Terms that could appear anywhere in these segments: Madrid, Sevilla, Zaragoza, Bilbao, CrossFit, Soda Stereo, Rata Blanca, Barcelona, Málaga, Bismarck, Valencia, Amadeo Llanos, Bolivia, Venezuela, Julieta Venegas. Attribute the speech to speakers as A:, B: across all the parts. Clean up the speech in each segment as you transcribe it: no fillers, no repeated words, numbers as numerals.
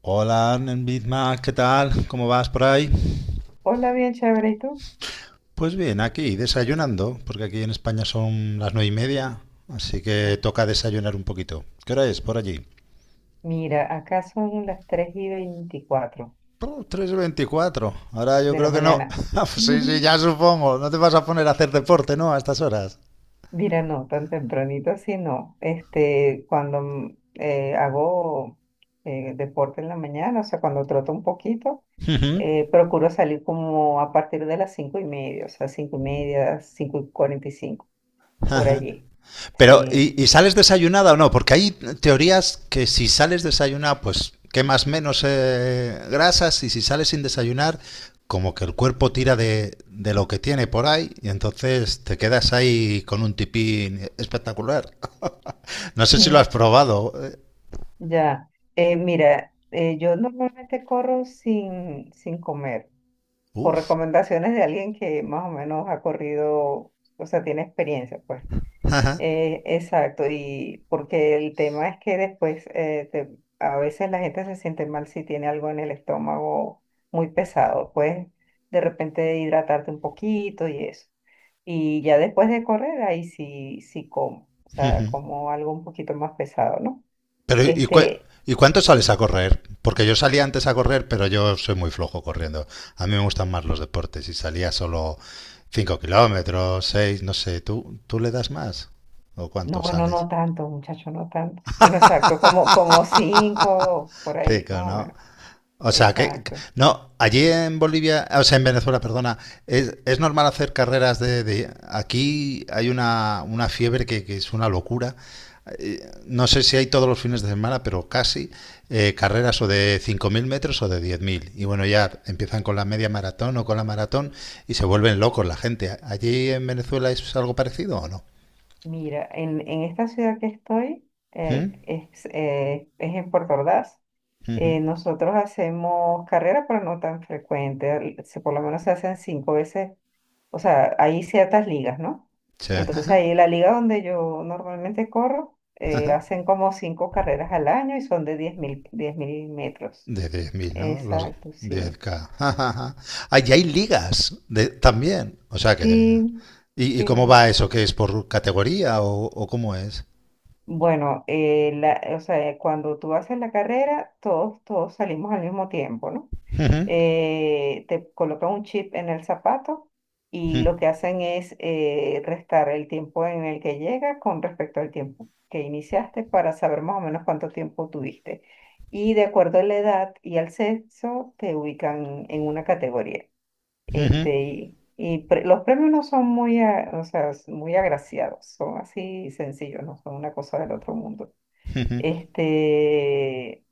A: Hola, Bismarck, ¿qué tal? ¿Cómo vas por ahí?
B: Hola, bien chévere, ¿y tú?
A: Pues bien, aquí desayunando, porque aquí en España son las 9:30, así que
B: Ah,
A: toca desayunar un poquito. ¿Qué hora es por allí?
B: mira, acá son las 3:24
A: Oh, 3:24. Ahora yo
B: de la
A: creo que no.
B: mañana.
A: Ah, pues sí, sí, ya supongo. No te vas a poner a hacer deporte, ¿no? A estas horas.
B: Mira, no, tan tempranito así no. Este, cuando hago deporte en la mañana, o sea, cuando troto un poquito,
A: Ujú.
B: procuro salir como a partir de las 5:30, o sea, 5:30, 5:45 por allí.
A: Pero,
B: Sí,
A: ¿y sales desayunada o no? Porque hay teorías que si sales desayunada, pues quemas menos grasas, y si sales sin desayunar, como que el cuerpo tira de lo que tiene por ahí, y entonces te quedas ahí con un tipín espectacular. No sé si lo has
B: mm,
A: probado.
B: ya. Mira, yo normalmente corro sin comer. Por
A: Uf.
B: recomendaciones de alguien que más o menos ha corrido, o sea, tiene experiencia, pues. Exacto, y porque el tema es que después a veces la gente se siente mal si tiene algo en el estómago muy pesado, pues de repente hidratarte un poquito y eso. Y ya después de correr, ahí sí, sí como, o sea, como algo un poquito más pesado, ¿no?
A: Pero
B: Este,
A: ¿y cuánto sales a correr? Porque yo salía antes a correr, pero yo soy muy flojo corriendo. A mí me gustan más los deportes y salía solo 5 kilómetros, 6, no sé. ¿Tú le das más? ¿O
B: no,
A: cuánto
B: bueno,
A: sales?
B: no tanto, muchacho, no tanto. Bueno, exacto, como, como cinco, por ahí,
A: Cinco,
B: más o
A: ¿no?
B: menos.
A: O sea, que...
B: Exacto.
A: No, allí en Bolivia, o sea, en Venezuela, perdona, es normal hacer carreras aquí hay una fiebre que es una locura. No sé si hay todos los fines de semana, pero casi, carreras o de 5.000 metros o de 10.000. Y bueno, ya empiezan con la media maratón o con la maratón, y se vuelven locos la gente. ¿Allí en Venezuela es algo parecido o no?
B: Mira, en esta ciudad que estoy,
A: ¿Mm?
B: es en Puerto Ordaz,
A: Ujú.
B: nosotros hacemos carreras, pero no tan frecuentes, por lo menos se hacen cinco veces, o sea, hay ciertas ligas, ¿no?
A: Sí.
B: Entonces ahí la liga donde yo normalmente corro, hacen como cinco carreras al año y son de diez mil metros.
A: De 10.000, ¿no? Los
B: Exacto,
A: diez
B: sí.
A: k Allí hay ligas también. O sea que...
B: Sí,
A: ¿Y cómo
B: sí.
A: va eso? ¿Qué es por categoría o cómo es?
B: Bueno, o sea, cuando tú haces la carrera, todos salimos al mismo tiempo, ¿no?
A: Ujú.
B: Te colocan un chip en el zapato y
A: Ujú.
B: lo que hacen es restar el tiempo en el que llega con respecto al tiempo que iniciaste para saber más o menos cuánto tiempo tuviste. Y de acuerdo a la edad y al sexo, te ubican en una categoría.
A: Ujú.
B: Este, los premios no son muy, o sea, muy agraciados, son así sencillos, no son una cosa del otro mundo. Este,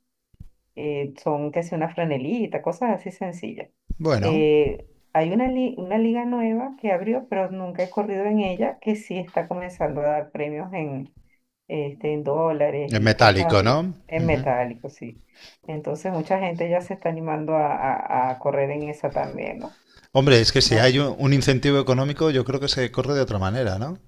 B: son casi una franelita, cosas así sencillas.
A: Bueno,
B: Eh, hay una liga nueva que abrió, pero nunca he corrido en ella, que sí está comenzando a dar premios en, en dólares
A: es
B: y cosas
A: metálico,
B: así,
A: ¿no?
B: en metálico, sí. Entonces mucha gente ya se está animando a correr en esa también, ¿no?
A: Hombre, es que si
B: ¿no?
A: hay un incentivo económico, yo creo que se corre de otra manera, ¿no?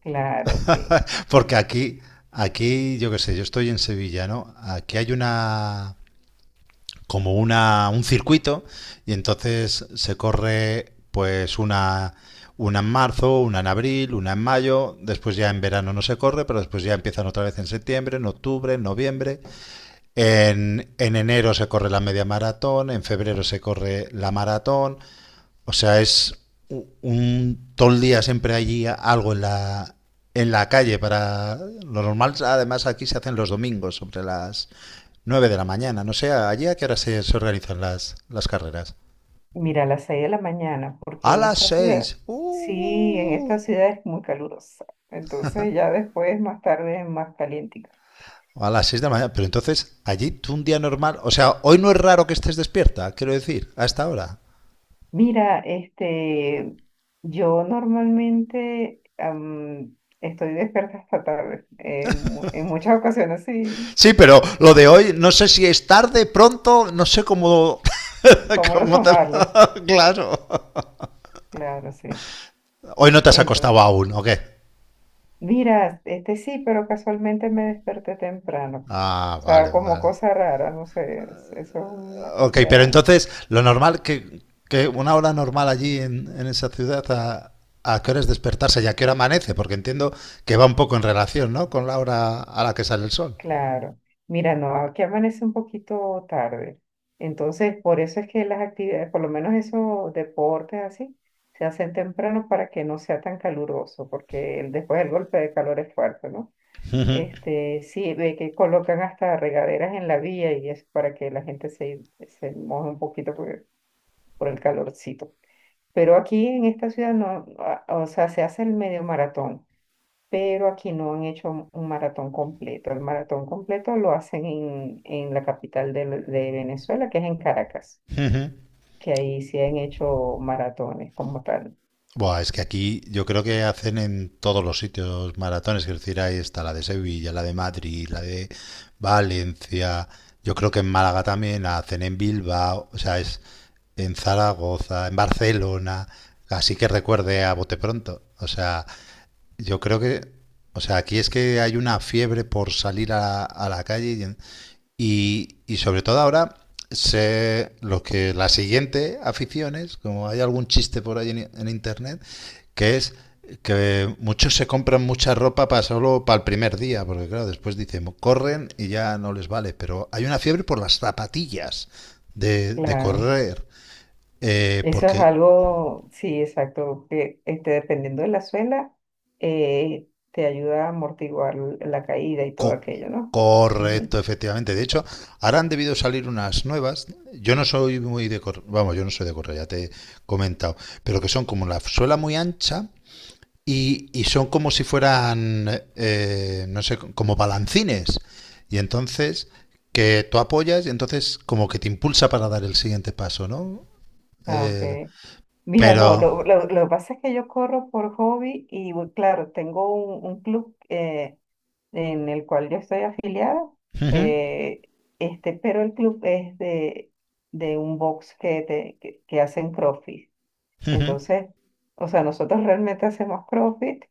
B: Claro, sí.
A: Porque aquí, yo qué sé, yo estoy en Sevilla, ¿no? Aquí hay una como una un circuito, y entonces se corre pues una en marzo, una en abril, una en mayo; después ya en verano no se corre, pero después ya empiezan otra vez en septiembre, en octubre, en noviembre, en enero se corre la media maratón, en febrero se corre la maratón. O sea, es un todo el día, siempre allí algo en la calle. Para lo normal, además, aquí se hacen los domingos sobre las 9 de la mañana. No sé allí a qué hora se organizan las carreras.
B: Mira, a las 6 de la mañana, porque
A: ¡A
B: en
A: las
B: esta ciudad,
A: 6! ¡Uh!
B: sí, en
A: Uh, uh.
B: esta ciudad es muy calurosa. Entonces ya después, más tarde, es más caliente.
A: A las seis de la mañana. Pero entonces allí, tú, un día normal, o sea, hoy no es raro que estés despierta, quiero decir, a esta hora.
B: Mira, este, yo normalmente estoy despierta hasta tarde. En muchas ocasiones, sí.
A: Sí, pero lo de hoy no sé si es tarde, pronto, no sé cómo
B: ¿Cómo lo
A: te...
B: tomarlo?
A: Claro.
B: Claro, sí.
A: Hoy no te has acostado
B: Entonces,
A: aún, ¿o qué?
B: mira, este sí, pero casualmente me desperté temprano.
A: Ah,
B: O
A: vale,
B: sea, como
A: vale.
B: cosa rara, no sé, eso es una cosa.
A: Ok, pero entonces, lo normal, que una hora normal allí en esa ciudad, a qué hora es despertarse y a qué hora amanece? Porque entiendo que va un poco en relación, ¿no? Con la hora a la que sale el sol.
B: Claro. Mira, no, aquí amanece un poquito tarde. Entonces, por eso es que las actividades, por lo menos esos deportes así, se hacen temprano para que no sea tan caluroso, porque después el golpe de calor es fuerte, ¿no?
A: Ujú,
B: Este, sí, ve que colocan hasta regaderas en la vía y es para que la gente se moje un poquito por el calorcito. Pero aquí en esta ciudad no, no, o sea, se hace el medio maratón, pero aquí no han hecho un maratón completo. El maratón completo lo hacen en la capital de Venezuela, que es en Caracas,
A: ujú.
B: que ahí sí han hecho maratones como tal.
A: Buah, es que aquí yo creo que hacen en todos los sitios maratones, es decir, ahí está la de Sevilla, la de Madrid, la de Valencia, yo creo que en Málaga también la hacen, en Bilbao, o sea, es en Zaragoza, en Barcelona, así que recuerde a bote pronto, o sea, yo creo que, o sea, aquí es que hay una fiebre por salir a la calle y sobre todo ahora los que la siguiente aficiones, como hay algún chiste por ahí en internet, que es que muchos se compran mucha ropa para, solo para el primer día, porque claro, después dicen, corren y ya no les vale, pero hay una fiebre por las zapatillas de
B: Claro,
A: correr,
B: eso es
A: porque...
B: algo, sí, exacto, que este, dependiendo de la suela, te ayuda a amortiguar la caída y todo
A: Co-
B: aquello, ¿no? Ujú.
A: correcto, efectivamente. De hecho, ahora han debido salir unas nuevas. Yo no soy muy de correr, vamos, yo no soy de correr, ya te he comentado, pero que son como la suela muy ancha, y son como si fueran, no sé, como balancines. Y entonces que tú apoyas y entonces como que te impulsa para dar el siguiente paso, ¿no?
B: Ah, ok.
A: Eh,
B: Mira, no,
A: pero...
B: lo que pasa es que yo corro por hobby y, bueno, claro, tengo un club, en el cual yo estoy afiliada,
A: Ujú,
B: eh, este, pero el club es de un box que hacen CrossFit.
A: ujú.
B: Entonces, o sea, nosotros realmente hacemos CrossFit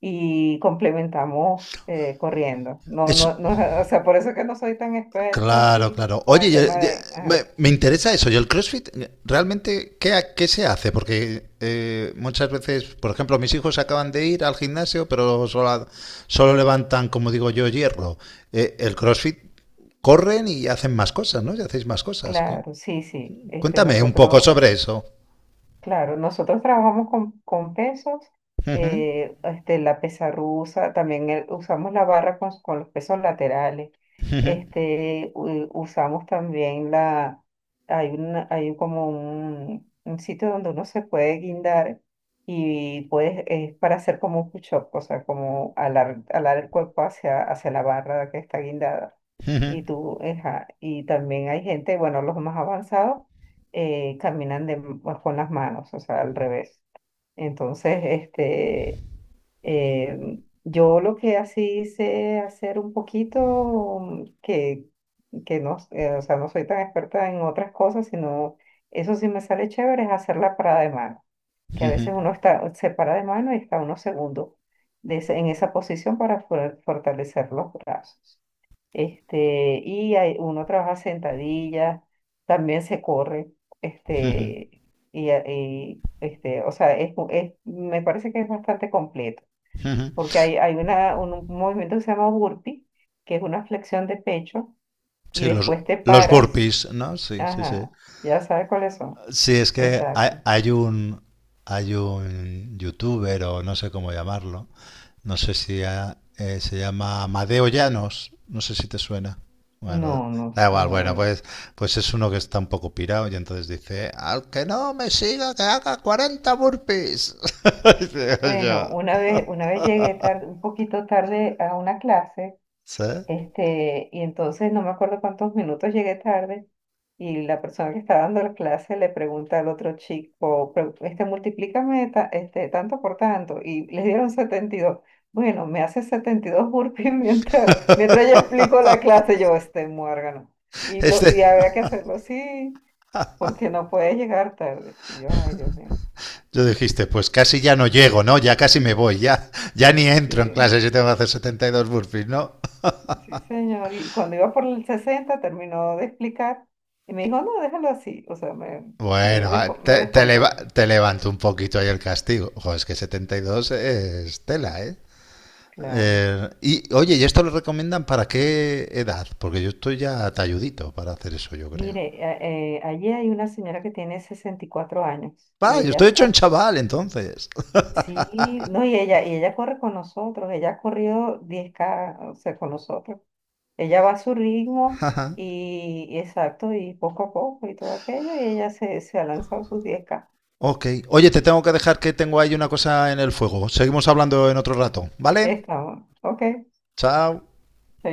B: y complementamos corriendo. No,
A: Es,
B: no, no, o sea, por eso que no soy tan experta
A: Claro,
B: así
A: claro.
B: con
A: Oye,
B: el tema de...
A: me,
B: Ajá.
A: me interesa eso. Yo el CrossFit, realmente, qué se hace? Porque muchas veces, por ejemplo, mis hijos acaban de ir al gimnasio, pero solo, solo levantan, como digo yo, hierro. El CrossFit corren y hacen más cosas, ¿no? Y hacéis más cosas.
B: Claro, sí, sí. Este,
A: Cuéntame un poco
B: nosotros.
A: sobre eso.
B: Claro, nosotros trabajamos con pesos,
A: Ujú,
B: este, la pesa rusa, también usamos la barra con los pesos laterales,
A: ujú,
B: este, usamos también hay como un sitio donde uno se puede guindar y puedes, es para hacer como un push-up, o sea, como alar, alar el cuerpo hacia, hacia la barra que está guindada.
A: ujú,
B: Y tú, ajá, y también hay gente, bueno, los más avanzados caminan con las manos, o sea, al revés. Entonces, este, yo lo que así sé hacer un poquito, que no, o sea, no soy tan experta en otras cosas, sino eso sí me sale chévere, es hacer la parada de mano, que a
A: ujú,
B: veces uno está, se para de mano y está unos segundos en esa posición para fortalecer los brazos. Este, y uno trabaja sentadillas, también se corre,
A: ujú,
B: este, este, o sea, me parece que es bastante completo,
A: ujú.
B: porque hay un movimiento que se llama burpee, que es una flexión de pecho, y
A: Sí, los,
B: después te
A: los
B: paras,
A: burpees, ¿no? Sí, sí, sí.
B: ajá, ya sabes cuáles son,
A: Sí, es que hay,
B: exacto.
A: hay un youtuber o no sé cómo llamarlo, no sé si se llama Amadeo Llanos, no sé si te suena. Bueno,
B: No, no,
A: da
B: no.
A: igual, bueno,
B: No.
A: pues es uno que está un poco pirado y entonces dice, al que no me siga que haga 40 burpees. Dice,
B: Bueno,
A: yo,
B: una vez llegué tarde, un poquito tarde a una clase.
A: ¿sí?
B: Este, y entonces no me acuerdo cuántos minutos llegué tarde y la persona que estaba dando la clase le pregunta al otro chico: Este, multiplícame este, tanto por tanto", y le dieron 72. Bueno, me hace 72 burpees mientras yo explico la clase, yo este muérgano. Y, lo,
A: Este-
B: y había que hacerlo así porque no puede llegar tarde. Y yo, ay, Dios mío.
A: yo dijiste, pues casi ya no llego, ¿no? Ya casi me voy, ya ni entro en clase
B: Sí.
A: si tengo que hacer 72 burpees, ¿no?
B: Sí, señor. Y cuando iba por el 60 terminó de explicar y me dijo, no, déjalo así. O sea,
A: Bueno, a-
B: me
A: te, te, leva-
B: descontó.
A: te levanto un poquito ahí el castigo. Ojo, es que 72 es tela, ¿eh?
B: Claro.
A: Y oye, ¿y esto lo recomiendan para qué edad? Porque yo estoy ya talludito para hacer eso, yo creo.
B: Mire, allí hay una señora que tiene 64 años
A: Ah,
B: y
A: yo
B: ella
A: estoy hecho un
B: está,
A: chaval, entonces.
B: sí, no, y ella corre con nosotros, ella ha corrido 10K, o sea, con nosotros. Ella va a su ritmo
A: Ajá.
B: y exacto, y poco a poco y todo aquello, y ella se ha lanzado sus 10K.
A: Ok. Oye, te tengo que dejar que tengo ahí una cosa en el fuego. Seguimos hablando en otro rato, ¿vale?
B: Está, bueno. Ok,
A: Chao.
B: chaito.